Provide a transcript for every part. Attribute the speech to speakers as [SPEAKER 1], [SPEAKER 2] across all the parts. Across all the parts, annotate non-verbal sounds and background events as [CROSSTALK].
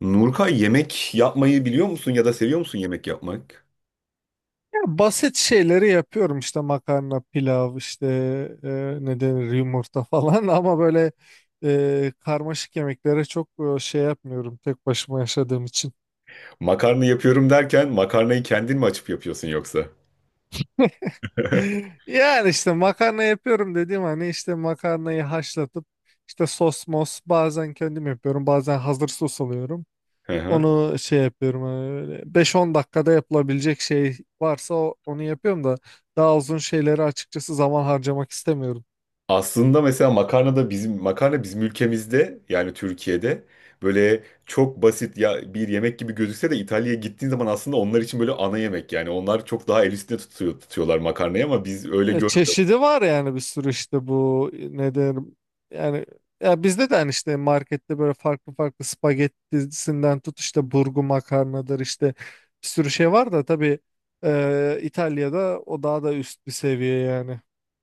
[SPEAKER 1] Nurkay yemek yapmayı biliyor musun ya da seviyor musun yemek yapmak?
[SPEAKER 2] Basit şeyleri yapıyorum işte makarna, pilav, işte ne denir yumurta falan [LAUGHS] ama böyle karmaşık yemeklere çok şey yapmıyorum tek başıma yaşadığım için.
[SPEAKER 1] Makarna yapıyorum derken makarnayı kendin mi açıp yapıyorsun yoksa? [LAUGHS]
[SPEAKER 2] [LAUGHS] Yani işte makarna yapıyorum dediğim hani işte makarnayı haşlatıp işte sos mos bazen kendim yapıyorum bazen hazır sos alıyorum.
[SPEAKER 1] Hı hı.
[SPEAKER 2] Onu şey yapıyorum hani böyle 5-10 dakikada yapılabilecek şey varsa onu yapıyorum da daha uzun şeyleri açıkçası zaman harcamak istemiyorum.
[SPEAKER 1] Aslında mesela makarna da bizim makarna bizim ülkemizde yani Türkiye'de böyle çok basit ya bir yemek gibi gözükse de İtalya'ya gittiğin zaman aslında onlar için böyle ana yemek yani onlar çok daha el üstünde tutuyorlar makarnayı ama biz öyle görmüyoruz.
[SPEAKER 2] Çeşidi var yani bir sürü işte bu ne derim yani ya bizde de hani işte markette böyle farklı farklı spagettisinden tut işte burgu makarnadır işte bir sürü şey var da tabii İtalya'da o daha da üst bir seviye yani.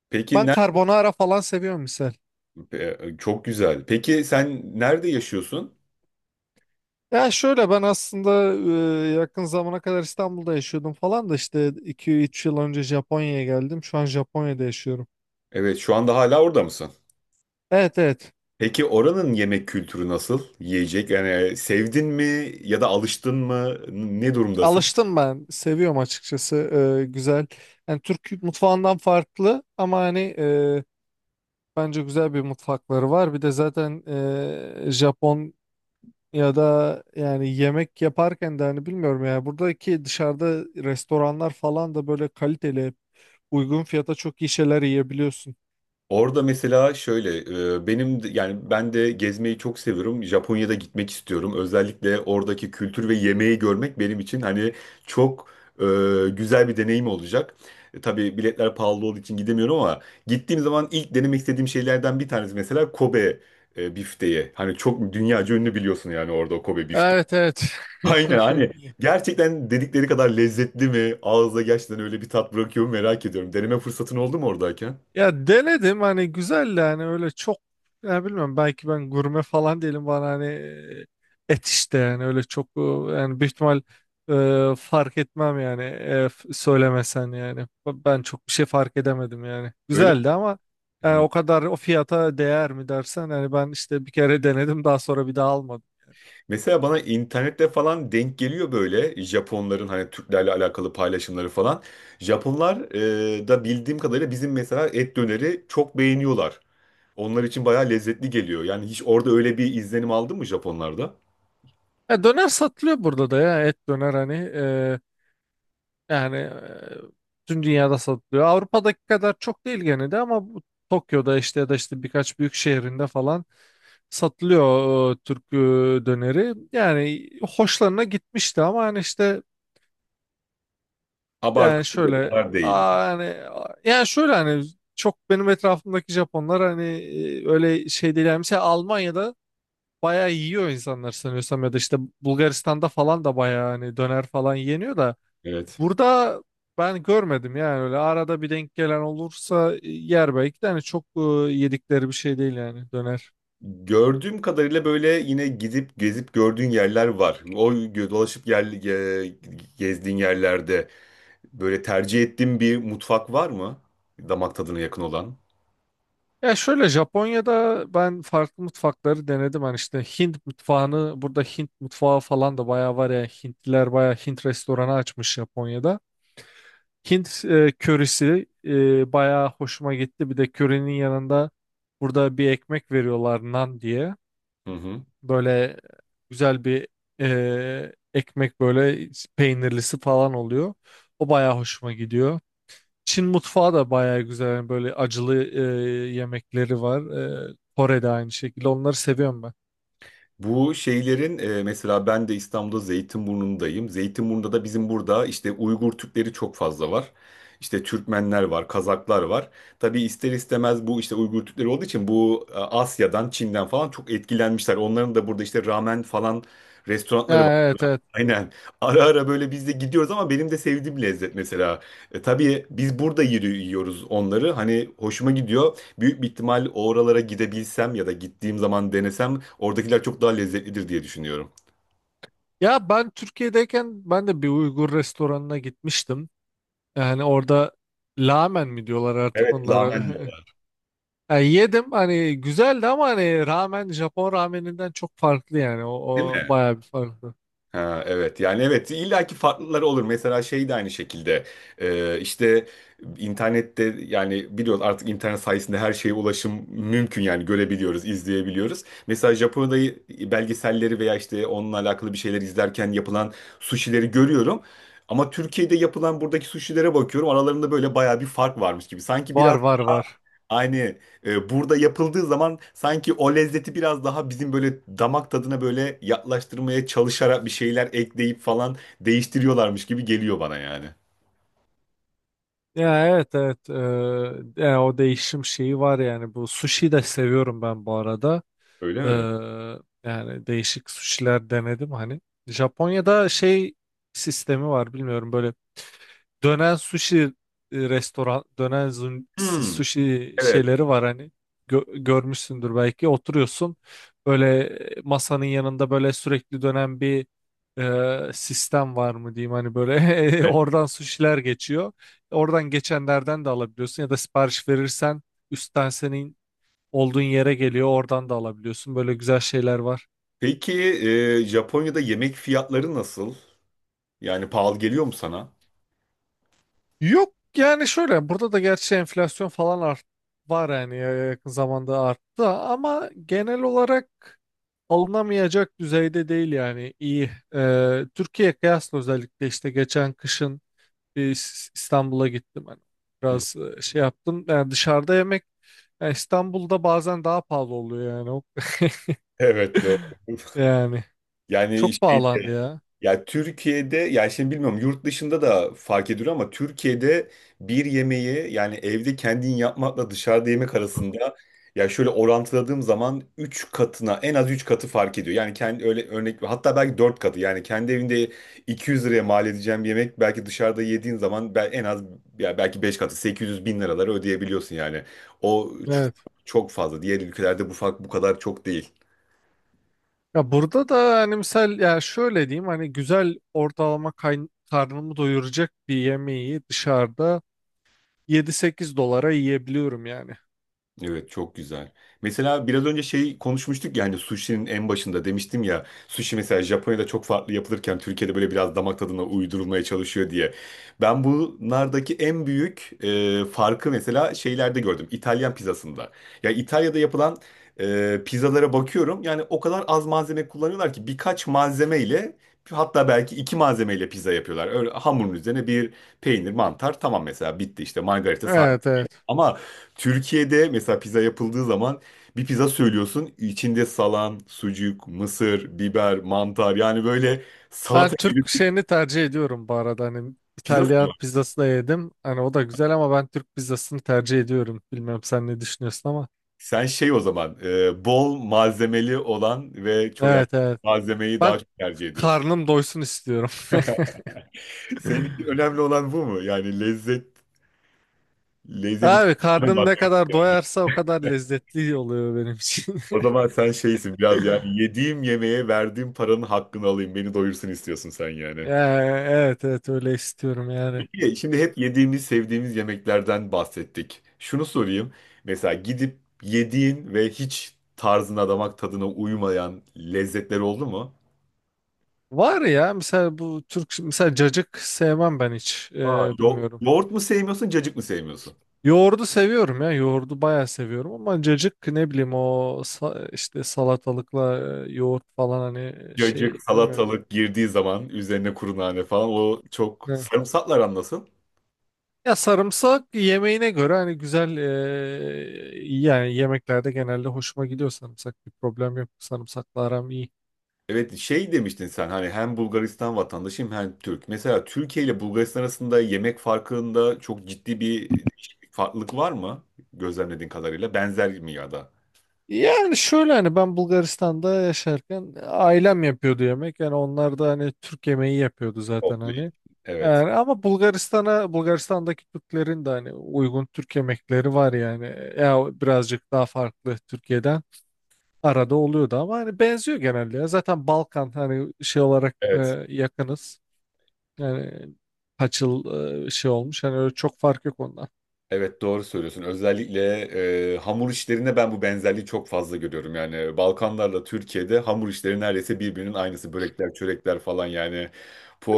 [SPEAKER 1] Peki
[SPEAKER 2] Ben
[SPEAKER 1] ne?
[SPEAKER 2] carbonara falan seviyorum misal.
[SPEAKER 1] Çok güzel. Peki sen nerede yaşıyorsun?
[SPEAKER 2] Ya şöyle ben aslında yakın zamana kadar İstanbul'da yaşıyordum falan da işte iki üç yıl önce Japonya'ya geldim. Şu an Japonya'da yaşıyorum.
[SPEAKER 1] Evet şu anda hala orada mısın?
[SPEAKER 2] Evet, evet.
[SPEAKER 1] Peki oranın yemek kültürü nasıl? Yiyecek yani sevdin mi ya da alıştın mı? Ne durumdasın?
[SPEAKER 2] Alıştım ben. Seviyorum açıkçası. Güzel. Yani Türk mutfağından farklı ama hani bence güzel bir mutfakları var. Bir de zaten Japon ya da yani yemek yaparken de hani bilmiyorum ya buradaki dışarıda restoranlar falan da böyle kaliteli uygun fiyata çok iyi şeyler yiyebiliyorsun.
[SPEAKER 1] Orada mesela şöyle yani ben de gezmeyi çok seviyorum. Japonya'da gitmek istiyorum. Özellikle oradaki kültür ve yemeği görmek benim için hani çok e, güzel bir deneyim olacak. Tabii biletler pahalı olduğu için gidemiyorum ama gittiğim zaman ilk denemek istediğim şeylerden bir tanesi mesela Kobe bifteyi. Hani çok dünyaca ünlü biliyorsun yani orada o Kobe bifteği.
[SPEAKER 2] Evet, evet. [LAUGHS]
[SPEAKER 1] Aynen hani gerçekten dedikleri kadar lezzetli mi? Ağızda gerçekten öyle bir tat bırakıyor mu merak ediyorum. Deneme fırsatın oldu mu oradayken?
[SPEAKER 2] Ya denedim hani güzeldi hani öyle çok ya bilmiyorum belki ben gurme falan değilim bana hani et işte yani öyle çok yani büyük ihtimal fark etmem yani söylemesen yani ben çok bir şey fark edemedim yani
[SPEAKER 1] Öyle
[SPEAKER 2] güzeldi ama
[SPEAKER 1] mi?
[SPEAKER 2] yani
[SPEAKER 1] Hı.
[SPEAKER 2] o kadar o fiyata değer mi dersen hani ben işte bir kere denedim daha sonra bir daha almadım.
[SPEAKER 1] Mesela bana internette falan denk geliyor böyle Japonların hani Türklerle alakalı paylaşımları falan. Japonlar da bildiğim kadarıyla bizim mesela et döneri çok beğeniyorlar. Onlar için bayağı lezzetli geliyor. Yani hiç orada öyle bir izlenim aldın mı Japonlarda?
[SPEAKER 2] Ya döner satılıyor burada da ya et döner hani yani tüm dünyada satılıyor. Avrupa'daki kadar çok değil gene de ama bu Tokyo'da işte ya da işte birkaç büyük şehrinde falan satılıyor Türk döneri. Yani hoşlarına gitmişti ama hani işte yani
[SPEAKER 1] Abartılı
[SPEAKER 2] şöyle
[SPEAKER 1] kadar değil.
[SPEAKER 2] yani yani şöyle hani çok benim etrafımdaki Japonlar hani öyle şey değil. Yani mesela Almanya'da bayağı yiyor insanlar sanıyorsam ya da işte Bulgaristan'da falan da bayağı hani döner falan yeniyor da
[SPEAKER 1] Evet.
[SPEAKER 2] burada ben görmedim yani öyle arada bir denk gelen olursa yer belki de hani çok yedikleri bir şey değil yani döner.
[SPEAKER 1] Gördüğüm kadarıyla böyle yine gidip gezip gördüğün yerler var. Dolaşıp gezdiğin yerlerde böyle tercih ettiğin bir mutfak var mı? Damak tadına yakın olan.
[SPEAKER 2] Ya şöyle Japonya'da ben farklı mutfakları denedim hani işte Hint mutfağını burada Hint mutfağı falan da bayağı var ya Hintliler bayağı Hint restoranı açmış Japonya'da. Hint körisi bayağı hoşuma gitti bir de körenin yanında burada bir ekmek veriyorlar nan diye.
[SPEAKER 1] Hı hı.
[SPEAKER 2] Böyle güzel bir ekmek böyle peynirlisi falan oluyor. O bayağı hoşuma gidiyor. Çin mutfağı da bayağı güzel. Yani böyle acılı yemekleri var. Kore'de aynı şekilde. Onları seviyorum ben.
[SPEAKER 1] Bu şeylerin mesela ben de İstanbul'da Zeytinburnu'ndayım. Zeytinburnu'nda da bizim burada işte Uygur Türkleri çok fazla var. İşte Türkmenler var, Kazaklar var. Tabii ister istemez bu işte Uygur Türkleri olduğu için bu Asya'dan, Çin'den falan çok etkilenmişler. Onların da burada işte ramen falan restoranları var.
[SPEAKER 2] Ya, evet, evet.
[SPEAKER 1] Aynen. Ara ara böyle biz de gidiyoruz ama benim de sevdiğim lezzet mesela. Tabii biz burada yiyoruz onları. Hani hoşuma gidiyor. Büyük bir ihtimal oralara gidebilsem ya da gittiğim zaman denesem oradakiler çok daha lezzetlidir diye düşünüyorum.
[SPEAKER 2] Ya ben Türkiye'deyken ben de bir Uygur restoranına gitmiştim. Yani orada ramen mi diyorlar artık
[SPEAKER 1] Evet,
[SPEAKER 2] onlara.
[SPEAKER 1] lahmacun.
[SPEAKER 2] [LAUGHS] Yani yedim hani güzeldi ama hani ramen Japon rameninden çok farklı yani. O,
[SPEAKER 1] Değil
[SPEAKER 2] o
[SPEAKER 1] mi?
[SPEAKER 2] bayağı bir farklı.
[SPEAKER 1] Ha, evet yani evet illaki farklıları olur. Mesela şey de aynı şekilde. İşte internette yani biliyoruz artık internet sayesinde her şeye ulaşım mümkün yani görebiliyoruz, izleyebiliyoruz. Mesela Japonya'da belgeselleri veya işte onunla alakalı bir şeyler izlerken yapılan sushileri görüyorum. Ama Türkiye'de yapılan buradaki sushilere bakıyorum aralarında böyle bayağı bir fark varmış gibi. Sanki
[SPEAKER 2] Var,
[SPEAKER 1] biraz
[SPEAKER 2] var, var.
[SPEAKER 1] aynı, burada yapıldığı zaman sanki o lezzeti biraz daha bizim böyle damak tadına böyle yaklaştırmaya çalışarak bir şeyler ekleyip falan değiştiriyorlarmış gibi geliyor bana yani.
[SPEAKER 2] Ya evet, evet. Yani o değişim şeyi var yani bu sushi de seviyorum ben bu arada.
[SPEAKER 1] Öyle mi?
[SPEAKER 2] Ee, Yani değişik sushiler denedim hani. Japonya'da şey sistemi var bilmiyorum böyle dönen sushi restoran, dönen
[SPEAKER 1] Hmm,
[SPEAKER 2] sushi
[SPEAKER 1] evet.
[SPEAKER 2] şeyleri var hani. Görmüşsündür belki. Oturuyorsun böyle masanın yanında böyle sürekli dönen bir sistem var mı diyeyim hani böyle [LAUGHS]
[SPEAKER 1] Evet.
[SPEAKER 2] oradan suşiler geçiyor. Oradan geçenlerden de alabiliyorsun ya da sipariş verirsen üstten senin olduğun yere geliyor oradan da alabiliyorsun. Böyle güzel şeyler var.
[SPEAKER 1] Peki Japonya'da yemek fiyatları nasıl? Yani pahalı geliyor mu sana?
[SPEAKER 2] Yok yani şöyle burada da gerçi enflasyon falan art var yani yakın zamanda arttı ama genel olarak alınamayacak düzeyde değil yani iyi. Türkiye kıyasla özellikle işte geçen kışın bir İstanbul'a gittim hani
[SPEAKER 1] [LAUGHS] Hı.
[SPEAKER 2] biraz şey yaptım yani dışarıda yemek yani İstanbul'da bazen daha pahalı oluyor yani O-
[SPEAKER 1] Evet doğru.
[SPEAKER 2] [LAUGHS]
[SPEAKER 1] [LAUGHS]
[SPEAKER 2] yani
[SPEAKER 1] Yani
[SPEAKER 2] çok
[SPEAKER 1] şey.
[SPEAKER 2] pahalandı ya.
[SPEAKER 1] Ya Türkiye'de ya şimdi bilmiyorum yurt dışında da fark ediliyor ama Türkiye'de bir yemeği yani evde kendin yapmakla dışarıda yemek arasında ya şöyle orantıladığım zaman 3 katına en az 3 katı fark ediyor. Yani kendi öyle örnek hatta belki 4 katı yani kendi evinde 200 liraya mal edeceğim bir yemek belki dışarıda yediğin zaman en az ya belki 5 katı 800 bin liraları ödeyebiliyorsun yani. O ç- Çok fazla. Diğer ülkelerde bu fark bu kadar çok değil.
[SPEAKER 2] Ya burada da hani misal ya şöyle diyeyim hani güzel ortalama karnımı doyuracak bir yemeği dışarıda yedi sekiz dolara yiyebiliyorum yani.
[SPEAKER 1] Evet çok güzel. Mesela biraz önce şey konuşmuştuk ya hani sushi'nin en başında demiştim ya sushi mesela Japonya'da çok farklı yapılırken Türkiye'de böyle biraz damak tadına uydurulmaya çalışıyor diye. Ben bunlardaki en büyük farkı mesela şeylerde gördüm. İtalyan pizzasında. Ya İtalya'da yapılan pizzalara bakıyorum yani o kadar az malzeme kullanıyorlar ki birkaç malzemeyle hatta belki iki malzemeyle pizza yapıyorlar. Öyle hamurun üzerine bir peynir, mantar tamam mesela bitti işte margarita.
[SPEAKER 2] Evet, evet.
[SPEAKER 1] Ama Türkiye'de mesela pizza yapıldığı zaman bir pizza söylüyorsun. İçinde salam, sucuk, mısır, biber, mantar yani böyle salata
[SPEAKER 2] Ben
[SPEAKER 1] gibi
[SPEAKER 2] Türk
[SPEAKER 1] bir
[SPEAKER 2] şeyini tercih ediyorum bu arada hani
[SPEAKER 1] pizza
[SPEAKER 2] İtalyan
[SPEAKER 1] söylüyorsun.
[SPEAKER 2] pizzası da yedim. Hani o da güzel ama ben Türk pizzasını tercih ediyorum. Bilmem sen ne düşünüyorsun ama.
[SPEAKER 1] Sen şey o zaman bol malzemeli olan ve çok yani
[SPEAKER 2] Evet, evet.
[SPEAKER 1] malzemeyi
[SPEAKER 2] Ben
[SPEAKER 1] daha çok tercih ediyorsun.
[SPEAKER 2] karnım doysun istiyorum. [LAUGHS]
[SPEAKER 1] [LAUGHS] Senin için önemli olan bu mu? Yani lezzet, lezzet için
[SPEAKER 2] Abi
[SPEAKER 1] önemli
[SPEAKER 2] karnım
[SPEAKER 1] olan.
[SPEAKER 2] ne kadar doyarsa o kadar lezzetli oluyor benim için.
[SPEAKER 1] O zaman sen şeysin biraz
[SPEAKER 2] [LAUGHS]
[SPEAKER 1] yani yediğim yemeğe verdiğim paranın hakkını alayım beni doyursun istiyorsun sen yani.
[SPEAKER 2] Yani evet, evet öyle istiyorum yani.
[SPEAKER 1] Peki, şimdi hep yediğimiz, sevdiğimiz yemeklerden bahsettik. Şunu sorayım. Mesela gidip yediğin ve hiç tarzına, damak tadına uymayan lezzetler oldu mu?
[SPEAKER 2] Var ya mesela bu Türk mesela cacık sevmem ben hiç bilmiyorum.
[SPEAKER 1] Yoğurt mu sevmiyorsun, cacık mı sevmiyorsun?
[SPEAKER 2] Yoğurdu seviyorum ya yoğurdu bayağı seviyorum ama cacık ne bileyim işte salatalıkla yoğurt falan hani
[SPEAKER 1] Cacık,
[SPEAKER 2] şey bilmiyorum.
[SPEAKER 1] salatalık girdiği zaman üzerine kuru nane falan o çok
[SPEAKER 2] Ne?
[SPEAKER 1] sarımsaklar anlasın.
[SPEAKER 2] Ya sarımsak yemeğine göre hani güzel yani yemeklerde genelde hoşuma gidiyor sarımsak bir problem yok sarımsakla aram iyi.
[SPEAKER 1] Evet şey demiştin sen hani hem Bulgaristan vatandaşıyım hem Türk. Mesela Türkiye ile Bulgaristan arasında yemek farkında çok ciddi bir değişiklik, farklılık var mı? Gözlemlediğin kadarıyla benzer mi ya da?
[SPEAKER 2] Yani şöyle hani ben Bulgaristan'da yaşarken ailem yapıyordu yemek. Yani onlar da hani Türk yemeği yapıyordu zaten hani.
[SPEAKER 1] Evet.
[SPEAKER 2] Yani ama Bulgaristan'daki Türklerin de hani uygun Türk yemekleri var yani. Ya birazcık daha farklı Türkiye'den arada oluyordu ama hani benziyor genelde ya. Zaten Balkan hani şey olarak
[SPEAKER 1] Evet.
[SPEAKER 2] yakınız. Yani kaç yıl şey olmuş. Hani öyle çok fark yok ondan.
[SPEAKER 1] Evet doğru söylüyorsun. Özellikle hamur işlerinde ben bu benzerliği çok fazla görüyorum. Yani Balkanlarla Türkiye'de hamur işleri neredeyse birbirinin aynısı. Börekler, çörekler falan yani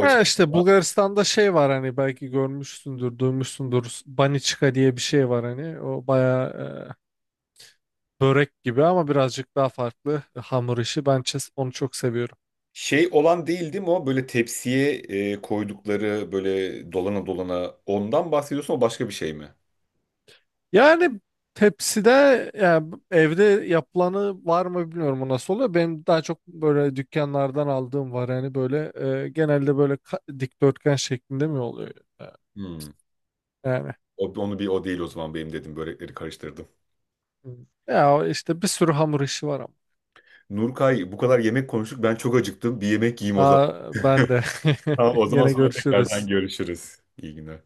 [SPEAKER 2] Ha işte Bulgaristan'da şey var hani belki görmüşsündür, duymuşsundur. Baniçka diye bir şey var hani. O bayağı börek gibi ama birazcık daha farklı hamur işi. Ben onu çok seviyorum.
[SPEAKER 1] Şey olan değil değil mi o? Böyle tepsiye koydukları böyle dolana dolana ondan bahsediyorsun o başka bir şey mi?
[SPEAKER 2] Yani tepside yani evde yapılanı var mı bilmiyorum o nasıl oluyor. Benim daha çok böyle dükkanlardan aldığım var yani böyle genelde böyle dikdörtgen şeklinde mi oluyor E,
[SPEAKER 1] Hmm.
[SPEAKER 2] yani.
[SPEAKER 1] Onu bir o değil o zaman benim dedim börekleri karıştırdım.
[SPEAKER 2] Hmm. Ya o işte bir sürü hamur işi var ama.
[SPEAKER 1] Nurkay bu kadar yemek konuştuk ben çok acıktım. Bir yemek yiyeyim o zaman.
[SPEAKER 2] Aa, ben de.
[SPEAKER 1] Tamam,
[SPEAKER 2] [LAUGHS]
[SPEAKER 1] o zaman
[SPEAKER 2] Gene
[SPEAKER 1] sonra tekrardan
[SPEAKER 2] görüşürüz.
[SPEAKER 1] görüşürüz. İyi günler.